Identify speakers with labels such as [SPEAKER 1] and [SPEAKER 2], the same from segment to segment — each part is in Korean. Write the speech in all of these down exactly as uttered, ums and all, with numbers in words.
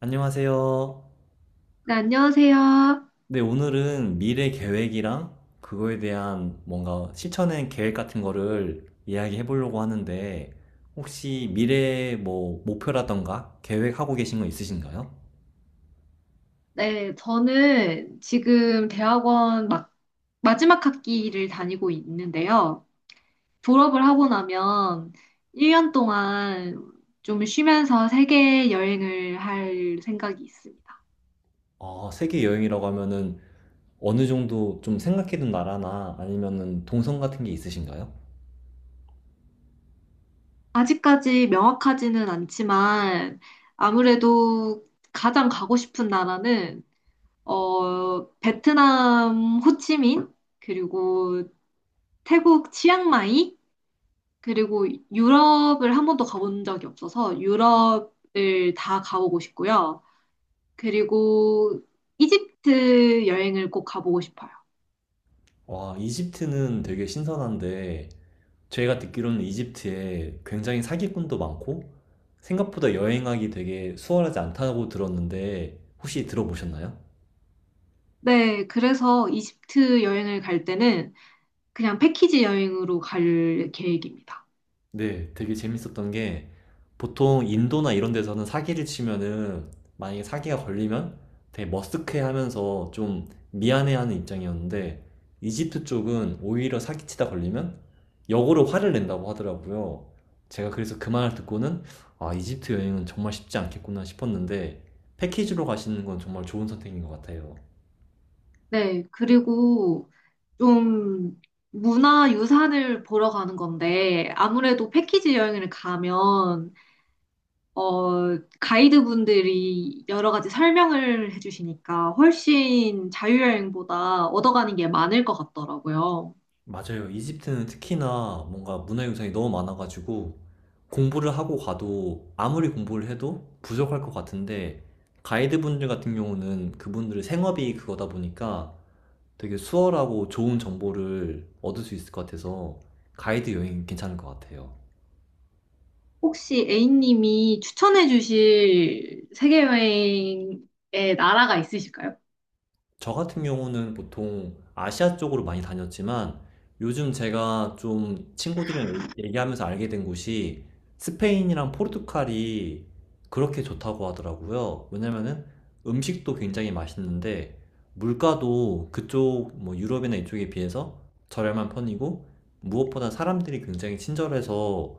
[SPEAKER 1] 안녕하세요.
[SPEAKER 2] 네, 안녕하세요.
[SPEAKER 1] 네, 오늘은 미래 계획이랑 그거에 대한 뭔가 실천의 계획 같은 거를 이야기해 보려고 하는데, 혹시 미래 뭐 목표라던가 계획하고 계신 거 있으신가요?
[SPEAKER 2] 네, 저는 지금 대학원 막 마지막 학기를 다니고 있는데요. 졸업을 하고 나면 일 년 동안 좀 쉬면서 세계 여행을 할 생각이 있습니다.
[SPEAKER 1] 아, 세계 여행이라고 하면은 어느 정도 좀 생각해둔 나라나 아니면은 동선 같은 게 있으신가요?
[SPEAKER 2] 아직까지 명확하지는 않지만 아무래도 가장 가고 싶은 나라는 어, 베트남 호치민 그리고 태국 치앙마이 그리고 유럽을 한 번도 가본 적이 없어서 유럽을 다 가보고 싶고요. 그리고 이집트 여행을 꼭 가보고 싶어요.
[SPEAKER 1] 와, 이집트는 되게 신선한데, 제가 듣기로는 이집트에 굉장히 사기꾼도 많고, 생각보다 여행하기 되게 수월하지 않다고 들었는데 혹시 들어보셨나요?
[SPEAKER 2] 네, 그래서 이집트 여행을 갈 때는 그냥 패키지 여행으로 갈 계획입니다.
[SPEAKER 1] 네, 되게 재밌었던 게 보통 인도나 이런 데서는 사기를 치면은 만약에 사기가 걸리면 되게 머쓱해하면서 좀 미안해하는 입장이었는데, 이집트 쪽은 오히려 사기치다 걸리면 역으로 화를 낸다고 하더라고요. 제가 그래서 그 말을 듣고는, 아, 이집트 여행은 정말 쉽지 않겠구나 싶었는데, 패키지로 가시는 건 정말 좋은 선택인 것 같아요.
[SPEAKER 2] 네, 그리고 좀 문화 유산을 보러 가는 건데 아무래도 패키지 여행을 가면 어, 가이드분들이 여러 가지 설명을 해주시니까 훨씬 자유여행보다 얻어가는 게 많을 것 같더라고요.
[SPEAKER 1] 맞아요. 이집트는 특히나 뭔가 문화 유산이 너무 많아가지고 공부를 하고 가도, 아무리 공부를 해도 부족할 것 같은데, 가이드분들 같은 경우는 그분들의 생업이 그거다 보니까 되게 수월하고 좋은 정보를 얻을 수 있을 것 같아서 가이드 여행 괜찮을 것 같아요.
[SPEAKER 2] 혹시 A님이 추천해 주실 세계여행의 나라가 있으실까요?
[SPEAKER 1] 저 같은 경우는 보통 아시아 쪽으로 많이 다녔지만, 요즘 제가 좀 친구들이랑 얘- 얘기하면서 알게 된 곳이 스페인이랑 포르투갈이 그렇게 좋다고 하더라고요. 왜냐면은 음식도 굉장히 맛있는데 물가도 그쪽 뭐 유럽이나 이쪽에 비해서 저렴한 편이고, 무엇보다 사람들이 굉장히 친절해서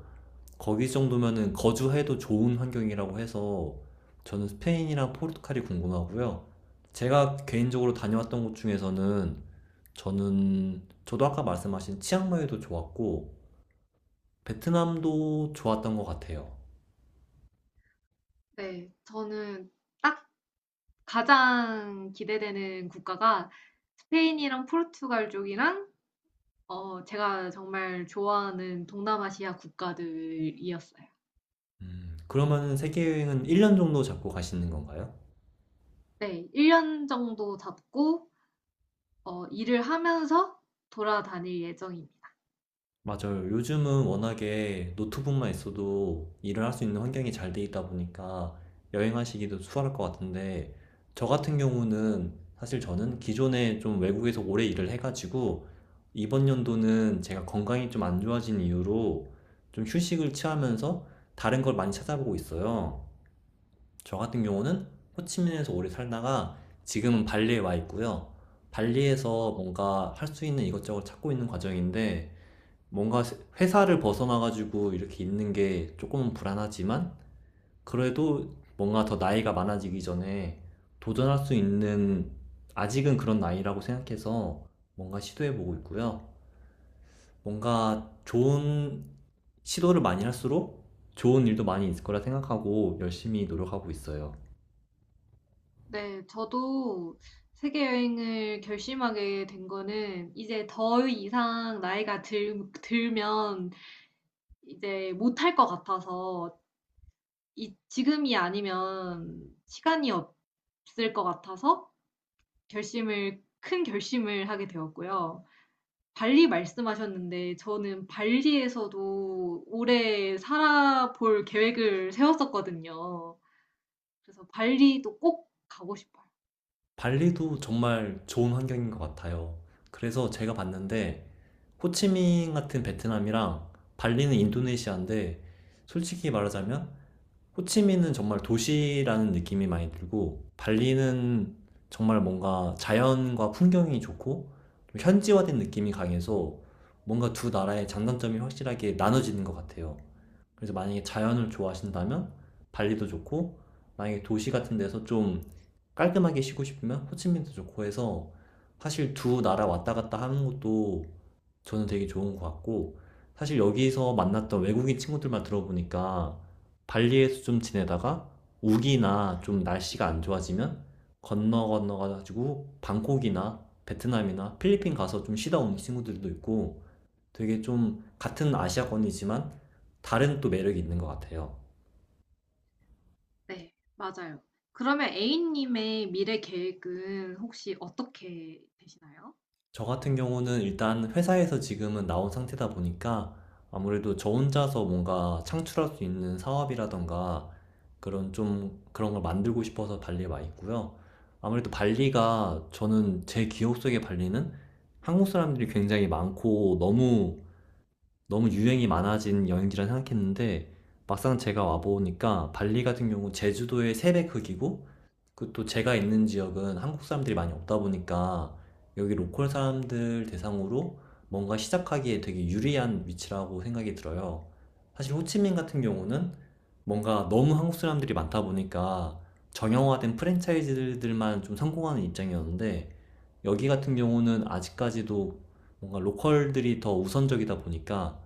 [SPEAKER 1] 거기 정도면은 거주해도 좋은 환경이라고 해서, 저는 스페인이랑 포르투갈이 궁금하고요. 제가 개인적으로 다녀왔던 곳 중에서는, 저는 저도 아까 말씀하신 치앙마이도 좋았고 베트남도 좋았던 것 같아요.
[SPEAKER 2] 네, 저는 딱 가장 기대되는 국가가 스페인이랑 포르투갈 쪽이랑 어, 제가 정말 좋아하는 동남아시아 국가들이었어요.
[SPEAKER 1] 음, 그러면은 세계 여행은 일 년 정도 잡고 가시는 건가요?
[SPEAKER 2] 네, 일 년 정도 잡고 어, 일을 하면서 돌아다닐 예정입니다.
[SPEAKER 1] 맞아요. 요즘은 워낙에 노트북만 있어도 일을 할 수 있는 환경이 잘 돼 있다 보니까 여행하시기도 수월할 것 같은데, 저 같은 경우는 사실 저는 기존에 좀 외국에서 오래 일을 해가지고, 이번 연도는 제가 건강이 좀 안 좋아진 이유로 좀 휴식을 취하면서 다른 걸 많이 찾아보고 있어요. 저 같은 경우는 호치민에서 오래 살다가 지금은 발리에 와 있고요. 발리에서
[SPEAKER 2] 어,
[SPEAKER 1] 뭔가 할 수 있는 이것저것 찾고 있는 과정인데, 뭔가 회사를 벗어나가지고 이렇게 있는 게 조금은 불안하지만, 그래도 뭔가 더 나이가 많아지기 전에 도전할 수 있는, 아직은 그런 나이라고 생각해서 뭔가 시도해보고 있고요. 뭔가 좋은 시도를 많이 할수록 좋은 일도 많이 있을 거라 생각하고 열심히 노력하고 있어요.
[SPEAKER 2] 네, 저도 세계 여행을 결심하게 된 거는 이제 더 이상 나이가 들, 들면 이제 못할 것 같아서 이, 지금이 아니면 시간이 없을 것 같아서 결심을, 큰 결심을 하게 되었고요. 발리 말씀하셨는데 저는 발리에서도 오래 살아볼 계획을 세웠었거든요. 그래서 발리도 꼭 가고 싶어요.
[SPEAKER 1] 발리도 정말 좋은 환경인 것 같아요. 그래서 제가 봤는데, 호치민 같은 베트남이랑 발리는 인도네시아인데, 솔직히 말하자면 호치민은 정말 도시라는 느낌이 많이 들고 발리는 정말 뭔가 자연과 풍경이 좋고 좀 현지화된 느낌이 강해서, 뭔가 두 나라의 장단점이 확실하게 나눠지는 것 같아요. 그래서 만약에 자연을 좋아하신다면 발리도 좋고, 만약에 도시 같은 데서 좀 깔끔하게 쉬고 싶으면 호치민도 좋고 해서, 사실 두 나라 왔다 갔다 하는 것도 저는 되게 좋은 것 같고, 사실 여기서 만났던 외국인 친구들만 들어보니까 발리에서 좀 지내다가 우기나 좀 날씨가 안 좋아지면 건너 건너가지고 방콕이나 베트남이나 필리핀 가서 좀 쉬다 온 친구들도 있고, 되게 좀 같은 아시아권이지만 다른 또 매력이 있는 것 같아요.
[SPEAKER 2] 네, 맞아요. 그러면 A님의 미래 계획은 혹시 어떻게 되시나요?
[SPEAKER 1] 저 같은 경우는 일단 회사에서 지금은 나온 상태다 보니까 아무래도 저 혼자서 뭔가 창출할 수 있는 사업이라던가 그런 좀 그런 걸 만들고 싶어서 발리에 와 있고요. 아무래도 발리가, 저는 제 기억 속의 발리는 한국 사람들이 굉장히 많고 너무 너무 유행이 많아진 여행지라 생각했는데, 막상 제가 와 보니까 발리 같은 경우 제주도의 새배 크기고, 그 또 제가 있는 지역은 한국 사람들이 많이 없다 보니까 여기 로컬 사람들 대상으로 뭔가 시작하기에 되게 유리한 위치라고 생각이 들어요. 사실 호치민 같은 경우는 뭔가 너무 한국 사람들이 많다 보니까 정형화된 프랜차이즈들만 좀 성공하는 입장이었는데, 여기 같은 경우는 아직까지도 뭔가 로컬들이 더 우선적이다 보니까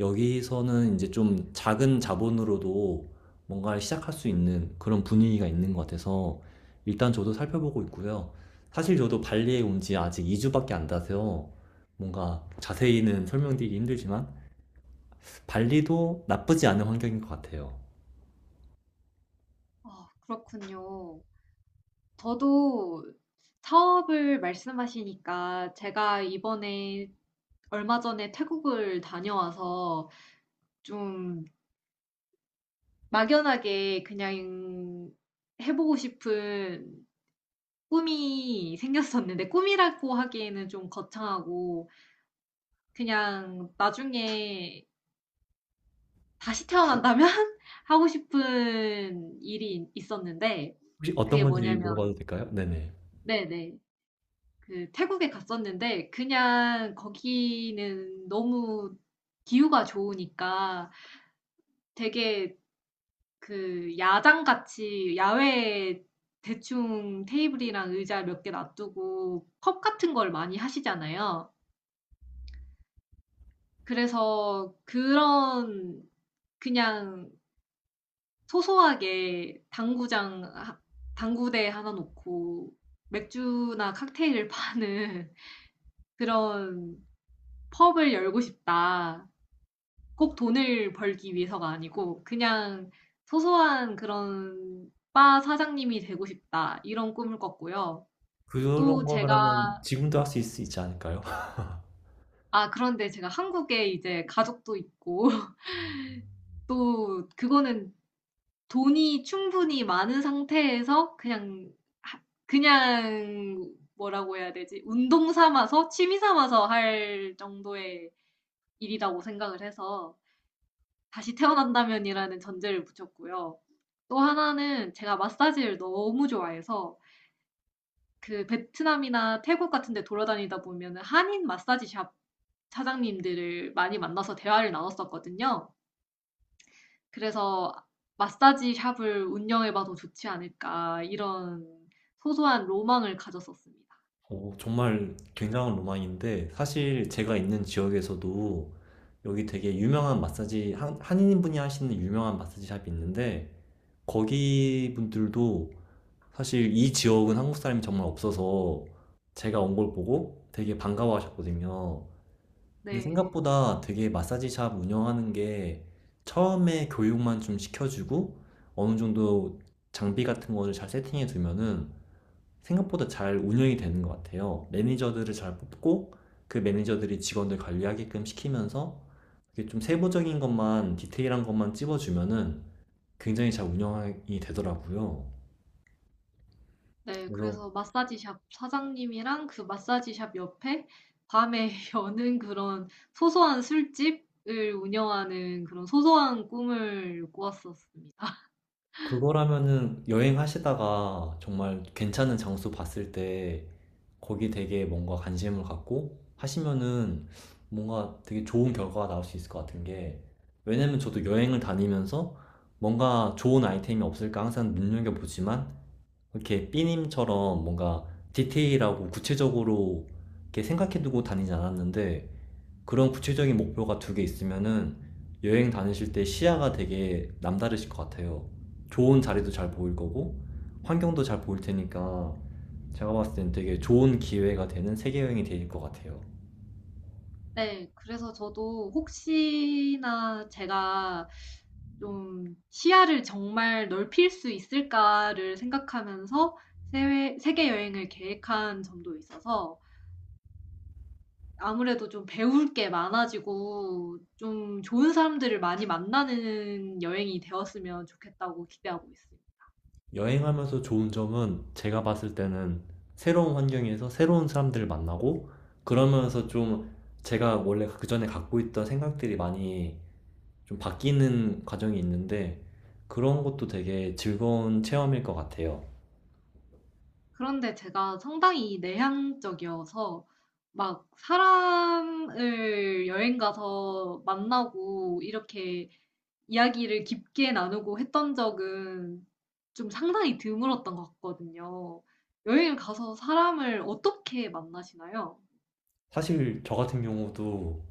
[SPEAKER 1] 여기서는 이제 좀 작은 자본으로도 뭔가를 시작할 수 있는 그런 분위기가 있는 것 같아서 일단 저도 살펴보고 있고요. 사실 저도 발리에 온 지 아직 이 주밖에 안 돼서 뭔가 자세히는 설명드리기 힘들지만 발리도 나쁘지 않은 환경인 것 같아요.
[SPEAKER 2] 아, 그렇군요. 저도 사업을 말씀하시니까 제가 이번에 얼마 전에 태국을 다녀와서 좀 막연하게 그냥 해보고 싶은 꿈이 생겼었는데 꿈이라고 하기에는 좀 거창하고 그냥 나중에 다시 태어난다면 하고 싶은 일이 있었는데
[SPEAKER 1] 혹시 어떤
[SPEAKER 2] 그게
[SPEAKER 1] 건지
[SPEAKER 2] 뭐냐면
[SPEAKER 1] 물어봐도 될까요? 네네.
[SPEAKER 2] 네네. 그 태국에 갔었는데 그냥 거기는 너무 기후가 좋으니까 되게 그 야장같이 야외에 대충 테이블이랑 의자 몇 개 놔두고 컵 같은 걸 많이 하시잖아요. 그래서 그런 그냥 소소하게 당구장 하 당구대 하나 놓고 맥주나 칵테일을 파는 그런 '펍을 열고 싶다.' 꼭 돈을 벌기 위해서가 아니고 그냥 '소소한 그런 바 사장님이 되고 싶다.' 이런 꿈을 꿨고요.
[SPEAKER 1] 그런
[SPEAKER 2] 또
[SPEAKER 1] 거라면
[SPEAKER 2] 제가
[SPEAKER 1] 지금도 할 수 있지 않을까요?
[SPEAKER 2] 아, 그런데 제가 한국에 이제 가족도 있고 또 그거는 돈이 충분히 많은 상태에서 그냥 하 그냥 뭐라고 해야 되지? 운동 삼아서 취미 삼아서 할 정도의 일이라고 생각을 해서 다시 태어난다면이라는 전제를 붙였고요. 또 하나는 제가 마사지를 너무 좋아해서 그 베트남이나 태국 같은 데 돌아다니다 보면 한인 마사지 샵 사장님들을 많이 만나서 대화를 나눴었거든요. 그래서 '마사지 샵을 운영해 봐도 좋지 않을까.' 이런 소소한 로망을 가졌었습니다.
[SPEAKER 1] 오, 정말 굉장한 로망인데, 사실 제가 있는 지역에서도 여기 되게 유명한 마사지, 한, 한인분이 하시는 유명한 마사지 샵이 있는데, 거기 분들도 사실 이 지역은 한국 사람이 정말 없어서 제가 온 걸 보고 되게 반가워 하셨거든요. 근데
[SPEAKER 2] 네.
[SPEAKER 1] 생각보다 되게 마사지 샵 운영하는 게 처음에 교육만 좀 시켜주고 어느 정도 장비 같은 거를 잘 세팅해 두면은 생각보다 잘 운영이 되는 것 같아요. 매니저들을 잘 뽑고 그 매니저들이 직원들 관리하게끔 시키면서 이게 좀 세부적인 것만, 디테일한 것만 찝어주면은 굉장히 잘 운영이 되더라고요.
[SPEAKER 2] 네,
[SPEAKER 1] 그래서
[SPEAKER 2] 그래서 마사지 샵 사장님이랑 그 마사지 샵 옆에 밤에 여는 그런 소소한 술집을 운영하는 그런 소소한 꿈을 꾸었었습니다.
[SPEAKER 1] 그거라면은 여행하시다가 정말 괜찮은 장소 봤을 때 거기 되게 뭔가 관심을 갖고 하시면은 뭔가 되게 좋은 결과가 나올 수 있을 것 같은 게, 왜냐면 저도 여행을 다니면서 뭔가 좋은 아이템이 없을까 항상 눈여겨보지만 이렇게 삐님처럼 뭔가 디테일하고 구체적으로 이렇게 생각해두고 다니지 않았는데, 그런 구체적인 목표가 두 개 있으면은 여행 다니실 때 시야가 되게 남다르실 것 같아요. 좋은 자리도 잘 보일 거고 환경도 잘 보일 테니까 제가 봤을 땐 되게 좋은 기회가 되는 세계 여행이 될 것 같아요.
[SPEAKER 2] 네. 그래서 저도 혹시나 제가 좀 '시야를 정말 넓힐 수 있을까.'를 생각하면서 세외 세계 여행을 계획한 점도 있어서 아무래도 좀 배울 게 많아지고 좀 좋은 사람들을 많이 만나는 여행이 되었으면 좋겠다고 기대하고 있어요.
[SPEAKER 1] 여행하면서 좋은 점은, 제가 봤을 때는 새로운 환경에서 새로운 사람들을 만나고 그러면서 좀 제가 원래 그 전에 갖고 있던 생각들이 많이 좀 바뀌는 과정이 있는데, 그런 것도 되게 즐거운 체험일 것 같아요.
[SPEAKER 2] 그런데 제가 상당히 내향적이어서 막 사람을 여행 가서 만나고 이렇게 이야기를 깊게 나누고 했던 적은 좀 상당히 드물었던 것 같거든요. 여행을 가서 사람을 어떻게 만나시나요?
[SPEAKER 1] 사실 저 같은 경우도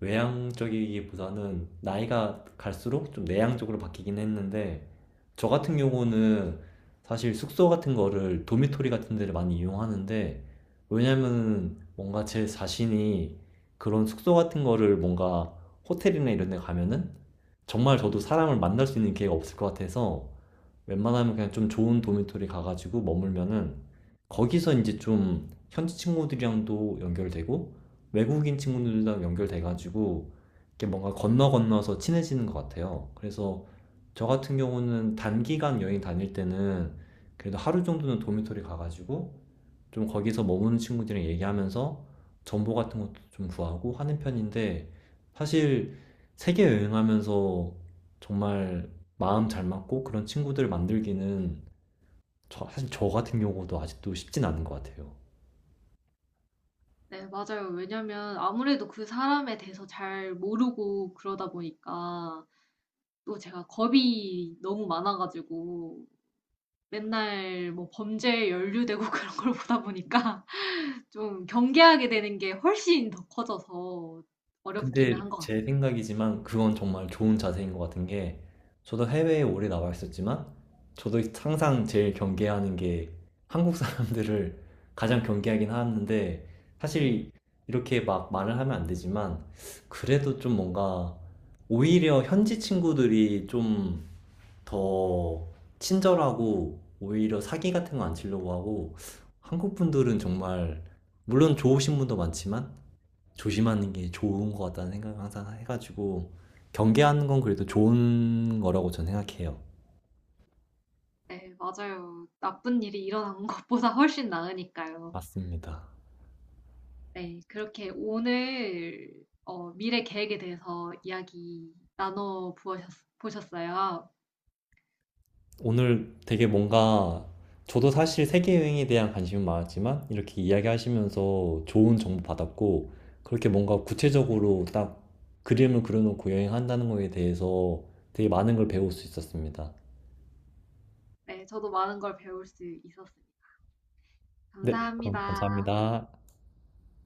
[SPEAKER 1] 외향적이기보다는 나이가 갈수록 좀 내향적으로 바뀌긴 했는데, 저 같은 경우는 사실 숙소 같은 거를, 도미토리 같은 데를 많이 이용하는데, 왜냐면 뭔가 제 자신이 그런 숙소 같은 거를, 뭔가 호텔이나 이런 데 가면은 정말 저도 사람을 만날 수 있는 기회가 없을 것 같아서 웬만하면 그냥 좀 좋은 도미토리 가가지고 머물면은 거기서 이제 좀 현지 친구들이랑도 연결되고 외국인 친구들이랑 연결돼가지고 이렇게 뭔가 건너 건너서 친해지는 것 같아요. 그래서 저 같은 경우는 단기간 여행 다닐 때는 그래도 하루 정도는 도미토리 가가지고 좀 거기서 머무는 친구들이랑 얘기하면서 정보 같은 것도 좀 구하고 하는 편인데, 사실 세계 여행하면서 정말 마음 잘 맞고 그런 친구들 만들기는, 저, 사실 저 같은 경우도 아직도 쉽진 않은 것 같아요.
[SPEAKER 2] 네, 맞아요. 왜냐면 아무래도 그 사람에 대해서 잘 모르고 그러다 보니까 또 제가 겁이 너무 많아가지고 맨날 뭐 범죄에 연루되고 그런 걸 보다 보니까 좀 경계하게 되는 게 훨씬 더 커져서 어렵기는
[SPEAKER 1] 근데
[SPEAKER 2] 한 것
[SPEAKER 1] 제
[SPEAKER 2] 같습니다.
[SPEAKER 1] 생각이지만 그건 정말 좋은 자세인 것 같은 게, 저도 해외에 오래 나와 있었지만 저도 항상 제일 경계하는 게 한국 사람들을 가장 경계하긴 하는데, 사실 이렇게 막 말을 하면 안 되지만 그래도 좀 뭔가 오히려 현지 친구들이 좀 더 친절하고 오히려 사기 같은 거 안 치려고 하고, 한국 분들은 정말, 물론 좋으신 분도 많지만 조심하는 게 좋은 것 같다는 생각을 항상 해가지고 경계하는 건 그래도 좋은 거라고 저는 생각해요.
[SPEAKER 2] 네, 맞아요. 나쁜 일이 일어난 것보다 훨씬 나으니까요.
[SPEAKER 1] 맞습니다.
[SPEAKER 2] 네, 그렇게 오늘 어, 미래 계획에 대해서 이야기 나눠 보셨, 보셨어요.
[SPEAKER 1] 오늘 되게 뭔가 저도 사실 세계여행에 대한 관심은 많았지만 이렇게 이야기하시면서 좋은 정보 받았고, 그렇게 뭔가 구체적으로 딱 그림을 그려놓고 여행한다는 거에 대해서 되게 많은 걸 배울 수 있었습니다.
[SPEAKER 2] 네, 저도 많은 걸 배울 수 있었습니다.
[SPEAKER 1] 네, 그럼
[SPEAKER 2] 감사합니다.
[SPEAKER 1] 감사합니다.